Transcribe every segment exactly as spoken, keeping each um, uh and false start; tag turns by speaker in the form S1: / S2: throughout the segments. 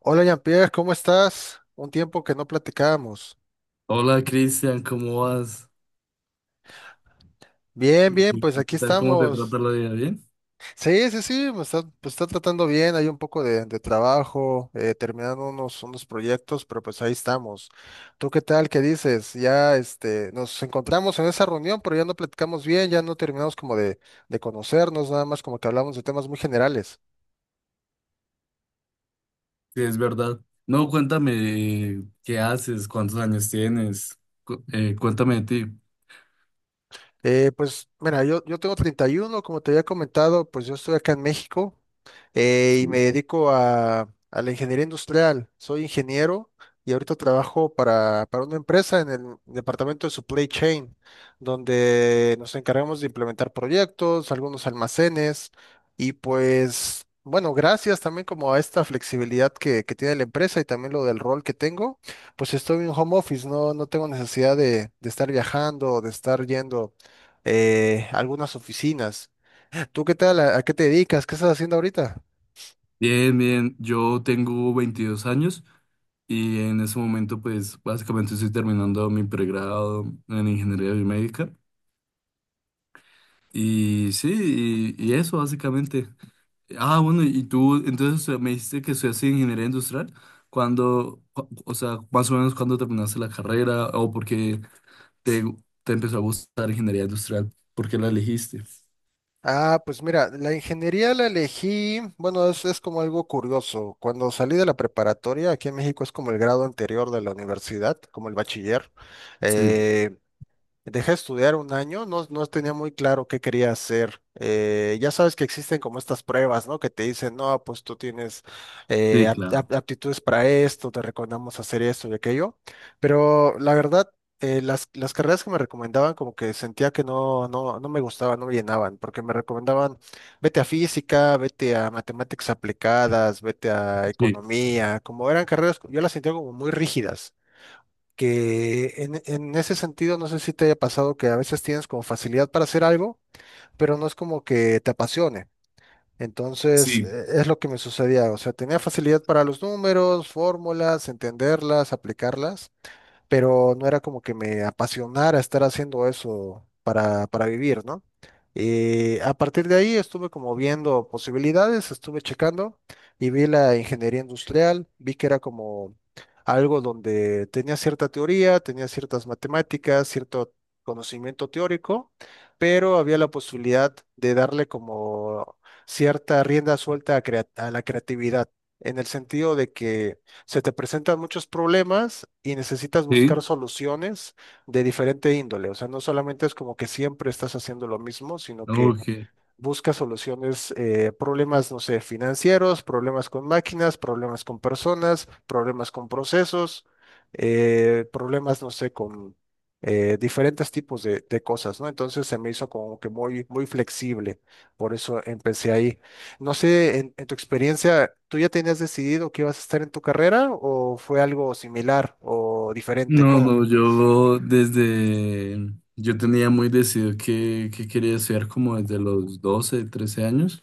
S1: Hola Jean-Pierre, ¿cómo estás? Un tiempo que no platicábamos.
S2: Hola Cristian, ¿cómo vas?
S1: Bien,
S2: ¿Qué
S1: bien,
S2: qué
S1: pues aquí
S2: tal? ¿Cómo te
S1: estamos.
S2: trata la vida? ¿Bien?
S1: Sí, sí, sí, me está, me está tratando bien, hay un poco de, de trabajo, eh, terminando unos, unos proyectos, pero pues ahí estamos. ¿Tú qué tal? ¿Qué dices? Ya este, nos encontramos en esa reunión, pero ya no platicamos bien, ya no terminamos como de, de conocernos, nada más como que hablamos de temas muy generales.
S2: Sí, es verdad. No, cuéntame qué haces, cuántos años tienes, Cu- eh, cuéntame de ti.
S1: Eh, pues mira, yo, yo tengo treinta y uno, como te había comentado, pues yo estoy acá en México. eh, y me
S2: Sí.
S1: dedico a, a la ingeniería industrial. Soy ingeniero y ahorita trabajo para, para una empresa en el departamento de supply chain, donde nos encargamos de implementar proyectos, algunos almacenes y pues, bueno, gracias también como a esta flexibilidad que, que tiene la empresa y también lo del rol que tengo, pues estoy en home office, no, no tengo necesidad de, de estar viajando, o de estar yendo eh, a algunas oficinas. ¿Tú qué tal? ¿A, a qué te dedicas? ¿Qué estás haciendo ahorita?
S2: Bien, bien, yo tengo veintidós años y en ese momento pues básicamente estoy terminando mi pregrado en ingeniería biomédica y sí, y, y eso básicamente. Ah, bueno, y tú, entonces eh, me dijiste que estudiaste ingeniería industrial. ¿Cuando o o sea, más o menos cuándo terminaste la carrera o por qué te, te empezó a gustar ingeniería industrial? ¿Por qué la elegiste?
S1: Ah, pues mira, la ingeniería la elegí, bueno, es, es como algo curioso. Cuando salí de la preparatoria, aquí en México es como el grado anterior de la universidad, como el bachiller.
S2: Sí,
S1: eh, Dejé de estudiar un año, no, no tenía muy claro qué quería hacer. Eh, ya sabes que existen como estas pruebas, ¿no? Que te dicen, no, pues tú tienes eh,
S2: sí,
S1: ap-
S2: claro.
S1: ap- aptitudes para esto, te recomendamos hacer esto y aquello. Pero la verdad, eh, las, las carreras que me recomendaban como que sentía que no, no, no me gustaban, no me llenaban, porque me recomendaban, vete a física, vete a matemáticas aplicadas, vete a
S2: Sí,
S1: economía, como eran carreras, yo las sentía como muy rígidas, que en, en ese sentido no sé si te haya pasado que a veces tienes como facilidad para hacer algo, pero no es como que te apasione. Entonces,
S2: sí,
S1: eh, es lo que me sucedía. O sea, tenía facilidad para los números, fórmulas, entenderlas, aplicarlas, pero no era como que me apasionara estar haciendo eso para, para vivir, ¿no? Y a partir de ahí estuve como viendo posibilidades, estuve checando y vi la ingeniería industrial, vi que era como algo donde tenía cierta teoría, tenía ciertas matemáticas, cierto conocimiento teórico, pero había la posibilidad de darle como cierta rienda suelta a crea- a la creatividad, en el sentido de que se te presentan muchos problemas y necesitas
S2: sí.
S1: buscar soluciones de diferente índole. O sea, no solamente es como que siempre estás haciendo lo mismo, sino que
S2: Ok.
S1: busca soluciones, eh, problemas, no sé, financieros, problemas con máquinas, problemas con personas, problemas con procesos, eh, problemas, no sé, con eh, diferentes tipos de, de cosas, ¿no? Entonces se me hizo como que muy, muy flexible, por eso empecé ahí. No sé, en, en tu experiencia, ¿tú ya tenías decidido que ibas a estar en tu carrera o fue algo similar o diferente?
S2: No,
S1: ¿Cómo?
S2: no, yo desde, yo tenía muy decidido que, que quería estudiar como desde los doce, trece años,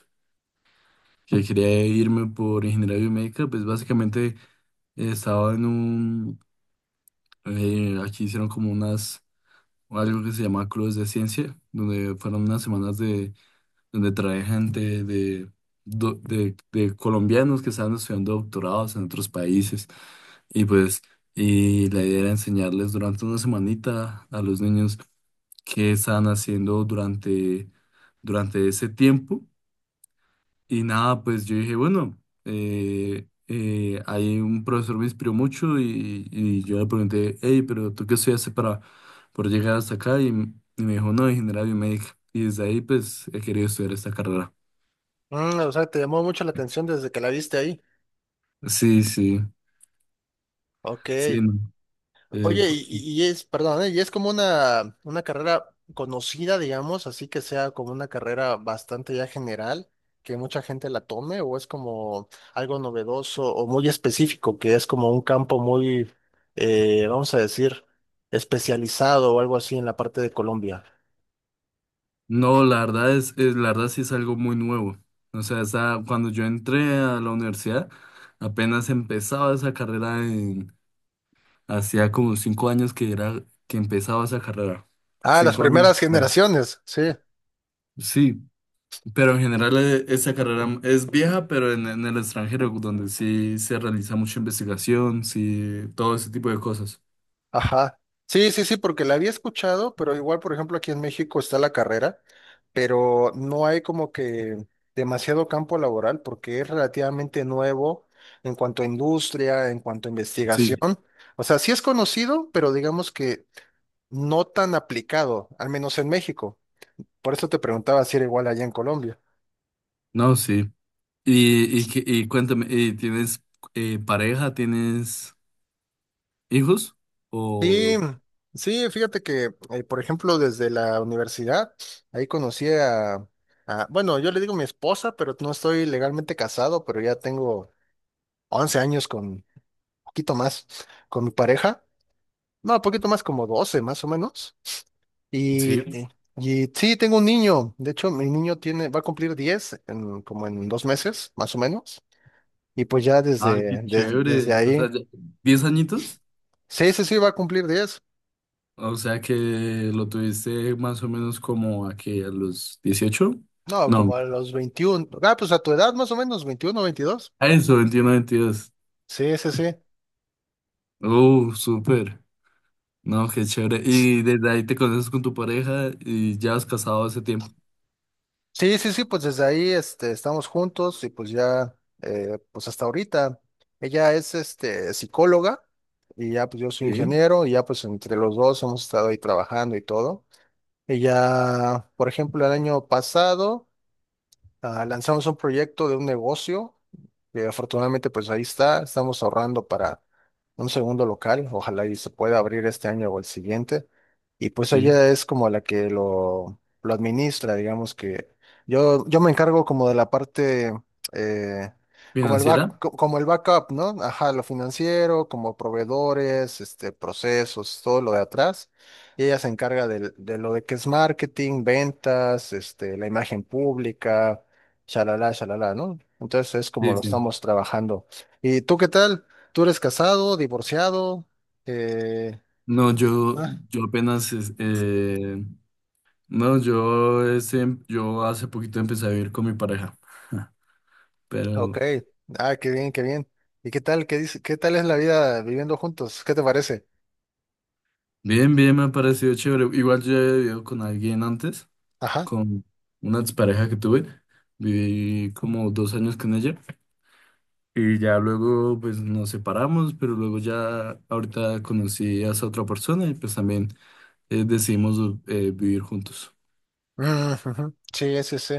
S2: que quería irme por ingeniería biomédica, pues básicamente eh, estaba en un... Eh, aquí hicieron como unas, algo que se llama Clubes de Ciencia, donde fueron unas semanas de, donde trae gente de, do- de, de colombianos que estaban estudiando doctorados en otros países. Y pues, y la idea era enseñarles durante una semanita a los niños qué estaban haciendo durante, durante ese tiempo y nada, pues yo dije, bueno, eh, eh, ahí un profesor me inspiró mucho y, y yo le pregunté, hey, pero ¿tú qué estudiaste para por llegar hasta acá? Y, m- y me dijo, no, ingeniería biomédica. Y desde ahí, pues, he querido estudiar esta carrera.
S1: Mm, o sea, te llamó mucho la atención desde que la viste ahí.
S2: Sí, sí,
S1: Ok.
S2: sí. No. Eh,
S1: Oye,
S2: fu-
S1: y, y- es, perdón, ¿eh? Y es como una, una, carrera conocida, digamos, así que sea como una carrera bastante ya general, que mucha gente la tome, o es como algo novedoso o muy específico, que es como un campo muy, eh, vamos a decir, especializado o algo así en la parte de Colombia.
S2: no, la verdad es, es- la verdad sí es algo muy nuevo. O sea, esa- cuando yo entré a la universidad, apenas empezaba esa carrera. Hacía como cinco años que era que empezaba esa carrera.
S1: Ah, las
S2: Cinco años.
S1: primeras
S2: Bueno,
S1: generaciones, sí.
S2: sí, pero en general eh, esa carrera es vieja, pero en, en el extranjero, donde sí se realiza mucha investigación, sí, todo ese tipo de cosas.
S1: Ajá. Sí, sí, sí, porque la había escuchado, pero igual, por ejemplo, aquí en México está la carrera, pero no hay como que demasiado campo laboral porque es relativamente nuevo en cuanto a industria, en cuanto a investigación.
S2: Sí,
S1: O sea, sí es conocido, pero digamos que no tan aplicado, al menos en México. Por eso te preguntaba si era igual allá en Colombia.
S2: no, sí. Y, y, que- y cuéntame, ¿y ¿tienes eh, pareja? ¿Tienes hijos?
S1: Sí,
S2: ¿O
S1: sí, fíjate que, eh, por ejemplo, desde la universidad, ahí conocí a, a- bueno, yo le digo mi esposa, pero no estoy legalmente casado, pero ya tengo once años con, poquito más, con mi pareja, no, poquito más como doce, más o menos,
S2: sí?
S1: y, y y sí, tengo un niño, de hecho, mi niño tiene, va a cumplir diez, en, como en dos meses, más o menos, y pues ya
S2: Ah, qué
S1: desde, des- desde
S2: chévere. O sea,
S1: ahí,
S2: ya- ¿diez añitos?
S1: sí, sí, sí, va a cumplir diez.
S2: O sea que lo tuviste más o menos como aquí a los dieciocho...
S1: No,
S2: No,
S1: como a los veintiuno. Ah, pues a tu edad, más o menos, veintiuno, veintidós.
S2: a eso, veintiuno, veintidós.
S1: Sí, sí, sí.
S2: Uh, súper. No, qué chévere. Y desde ahí te conoces con tu pareja y ya has casado hace tiempo.
S1: Sí, sí, sí, pues desde ahí este, estamos juntos y pues ya, eh, pues hasta ahorita. Ella es este, psicóloga y ya pues yo soy
S2: Sí,
S1: ingeniero y ya pues entre los dos hemos estado ahí trabajando y todo. Ella, por ejemplo, el año pasado. Ah, lanzamos un proyecto de un negocio que afortunadamente pues ahí está, estamos ahorrando para un segundo local, ojalá y se pueda abrir este año o el siguiente. Y pues
S2: sí.
S1: ella es como la que lo, lo administra, digamos que yo, yo me encargo como de la parte, eh, como el back,
S2: ¿Financiera?
S1: co- como el backup, ¿no? Ajá, lo financiero, como proveedores, este, procesos, todo lo de atrás. Y ella se encarga del- de, lo de que es marketing, ventas, este, la imagen pública, shalala, shalala, ¿no? Entonces es como
S2: Sí,
S1: lo
S2: sí.
S1: estamos trabajando. ¿Y tú qué tal? ¿Tú eres casado, divorciado? Eh,
S2: No, yo,
S1: ah,
S2: yo apenas, es- eh, no, yo, ese- yo hace poquito empecé a vivir con mi pareja,
S1: ok.
S2: pero...
S1: Ah, qué bien, qué bien. ¿Y qué tal? ¿Qué dice? ¿Qué tal es la vida viviendo juntos? ¿Qué te parece?
S2: Bien, bien, me ha parecido chévere. Igual yo he vivido con alguien antes.
S1: Ajá.
S2: Con una pareja que tuve. Viví como dos años con ella y ya luego pues nos separamos, pero luego ya ahorita conocí a esa otra persona y pues también eh, decidimos eh, vivir juntos.
S1: Mm, ujú. Sí, sí, sí.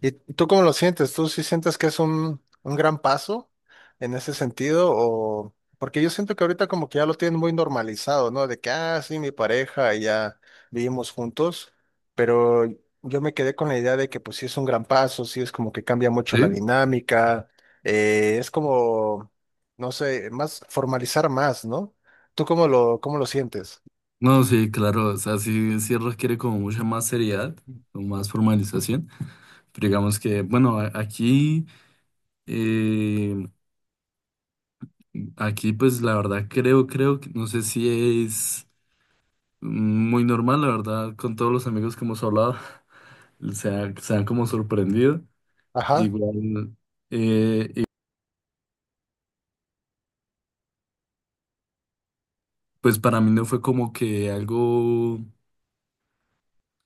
S1: ¿Y tú cómo lo sientes? ¿Tú sí sientes que es un, un, gran paso en ese sentido? O porque yo siento que ahorita como que ya lo tienen muy normalizado, ¿no? De que, ah, sí, mi pareja y ya vivimos juntos, pero yo me quedé con la idea de que pues sí es un gran paso, sí es como que cambia mucho la
S2: ¿Sí?
S1: dinámica, eh, es como, no sé, más formalizar más, ¿no? ¿Tú cómo lo, cómo lo sientes?
S2: No, sí, claro, o sea, sí, sí requiere como mucha más seriedad o más formalización, pero digamos que, bueno, a- aquí, eh, aquí pues la verdad creo, creo, que- no sé si es muy normal, la verdad, con todos los amigos que hemos hablado. se han, se han como sorprendido.
S1: Ajá.
S2: Igual, eh, y pues para mí no fue como que algo,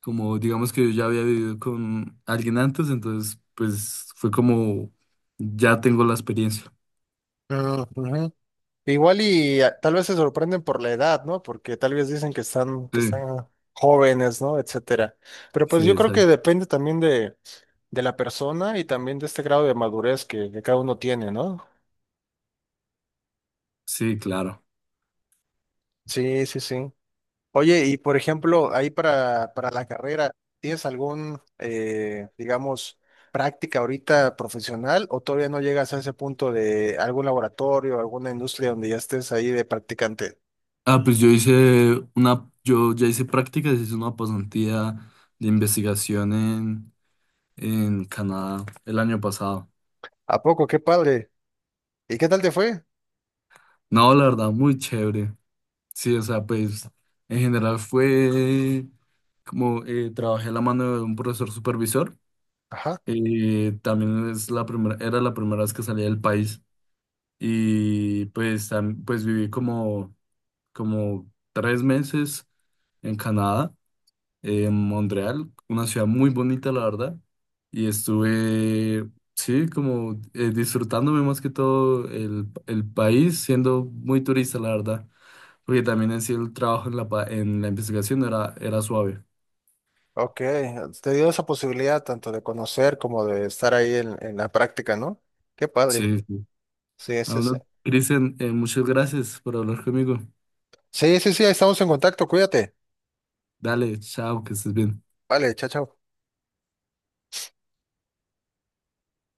S2: como digamos que yo ya había vivido con alguien antes, entonces pues fue como, ya tengo la experiencia.
S1: Ujú. Igual y ah, tal vez se sorprenden por la edad, ¿no? Porque tal vez dicen que están, que
S2: Sí,
S1: están jóvenes, ¿no? Etcétera. Pero pues
S2: sí,
S1: yo creo que
S2: exacto.
S1: depende también de, de la persona y también de este grado de madurez que, que cada uno tiene, ¿no?
S2: Sí, claro.
S1: Sí, sí, sí. Oye, y por ejemplo, ahí para, para la carrera, ¿tienes algún, eh, digamos, práctica ahorita profesional o todavía no llegas a ese punto de algún laboratorio, alguna industria donde ya estés ahí de practicante?
S2: Ah, pues yo hice una, yo ya hice prácticas, hice una pasantía de investigación en, en Canadá el año pasado.
S1: ¿A poco? Qué padre. ¿Y qué tal te fue?
S2: No, la verdad, muy chévere. Sí, o sea, pues en general fue como eh, trabajé a la mano de un profesor supervisor.
S1: Ajá.
S2: eh, también es la primera, era la primera vez que salía del país y pues, tam- pues viví como, como tres meses en Canadá, en Montreal, una ciudad muy bonita, la verdad. Y estuve, sí, como eh, disfrutándome más que todo el, el país, siendo muy turista, la verdad. Porque también en sí el trabajo en la, pa- en la investigación era, era suave.
S1: Ok, te dio esa posibilidad tanto de conocer como de estar ahí en, en la práctica, ¿no? Qué padre.
S2: Sí, sí.
S1: Sí,
S2: Ah,
S1: sí, sí.
S2: bueno, Cristian, eh, muchas gracias por hablar conmigo.
S1: Sí, sí, sí, ahí estamos en contacto, cuídate.
S2: Dale, chao, que estés bien.
S1: Vale, chao, chao.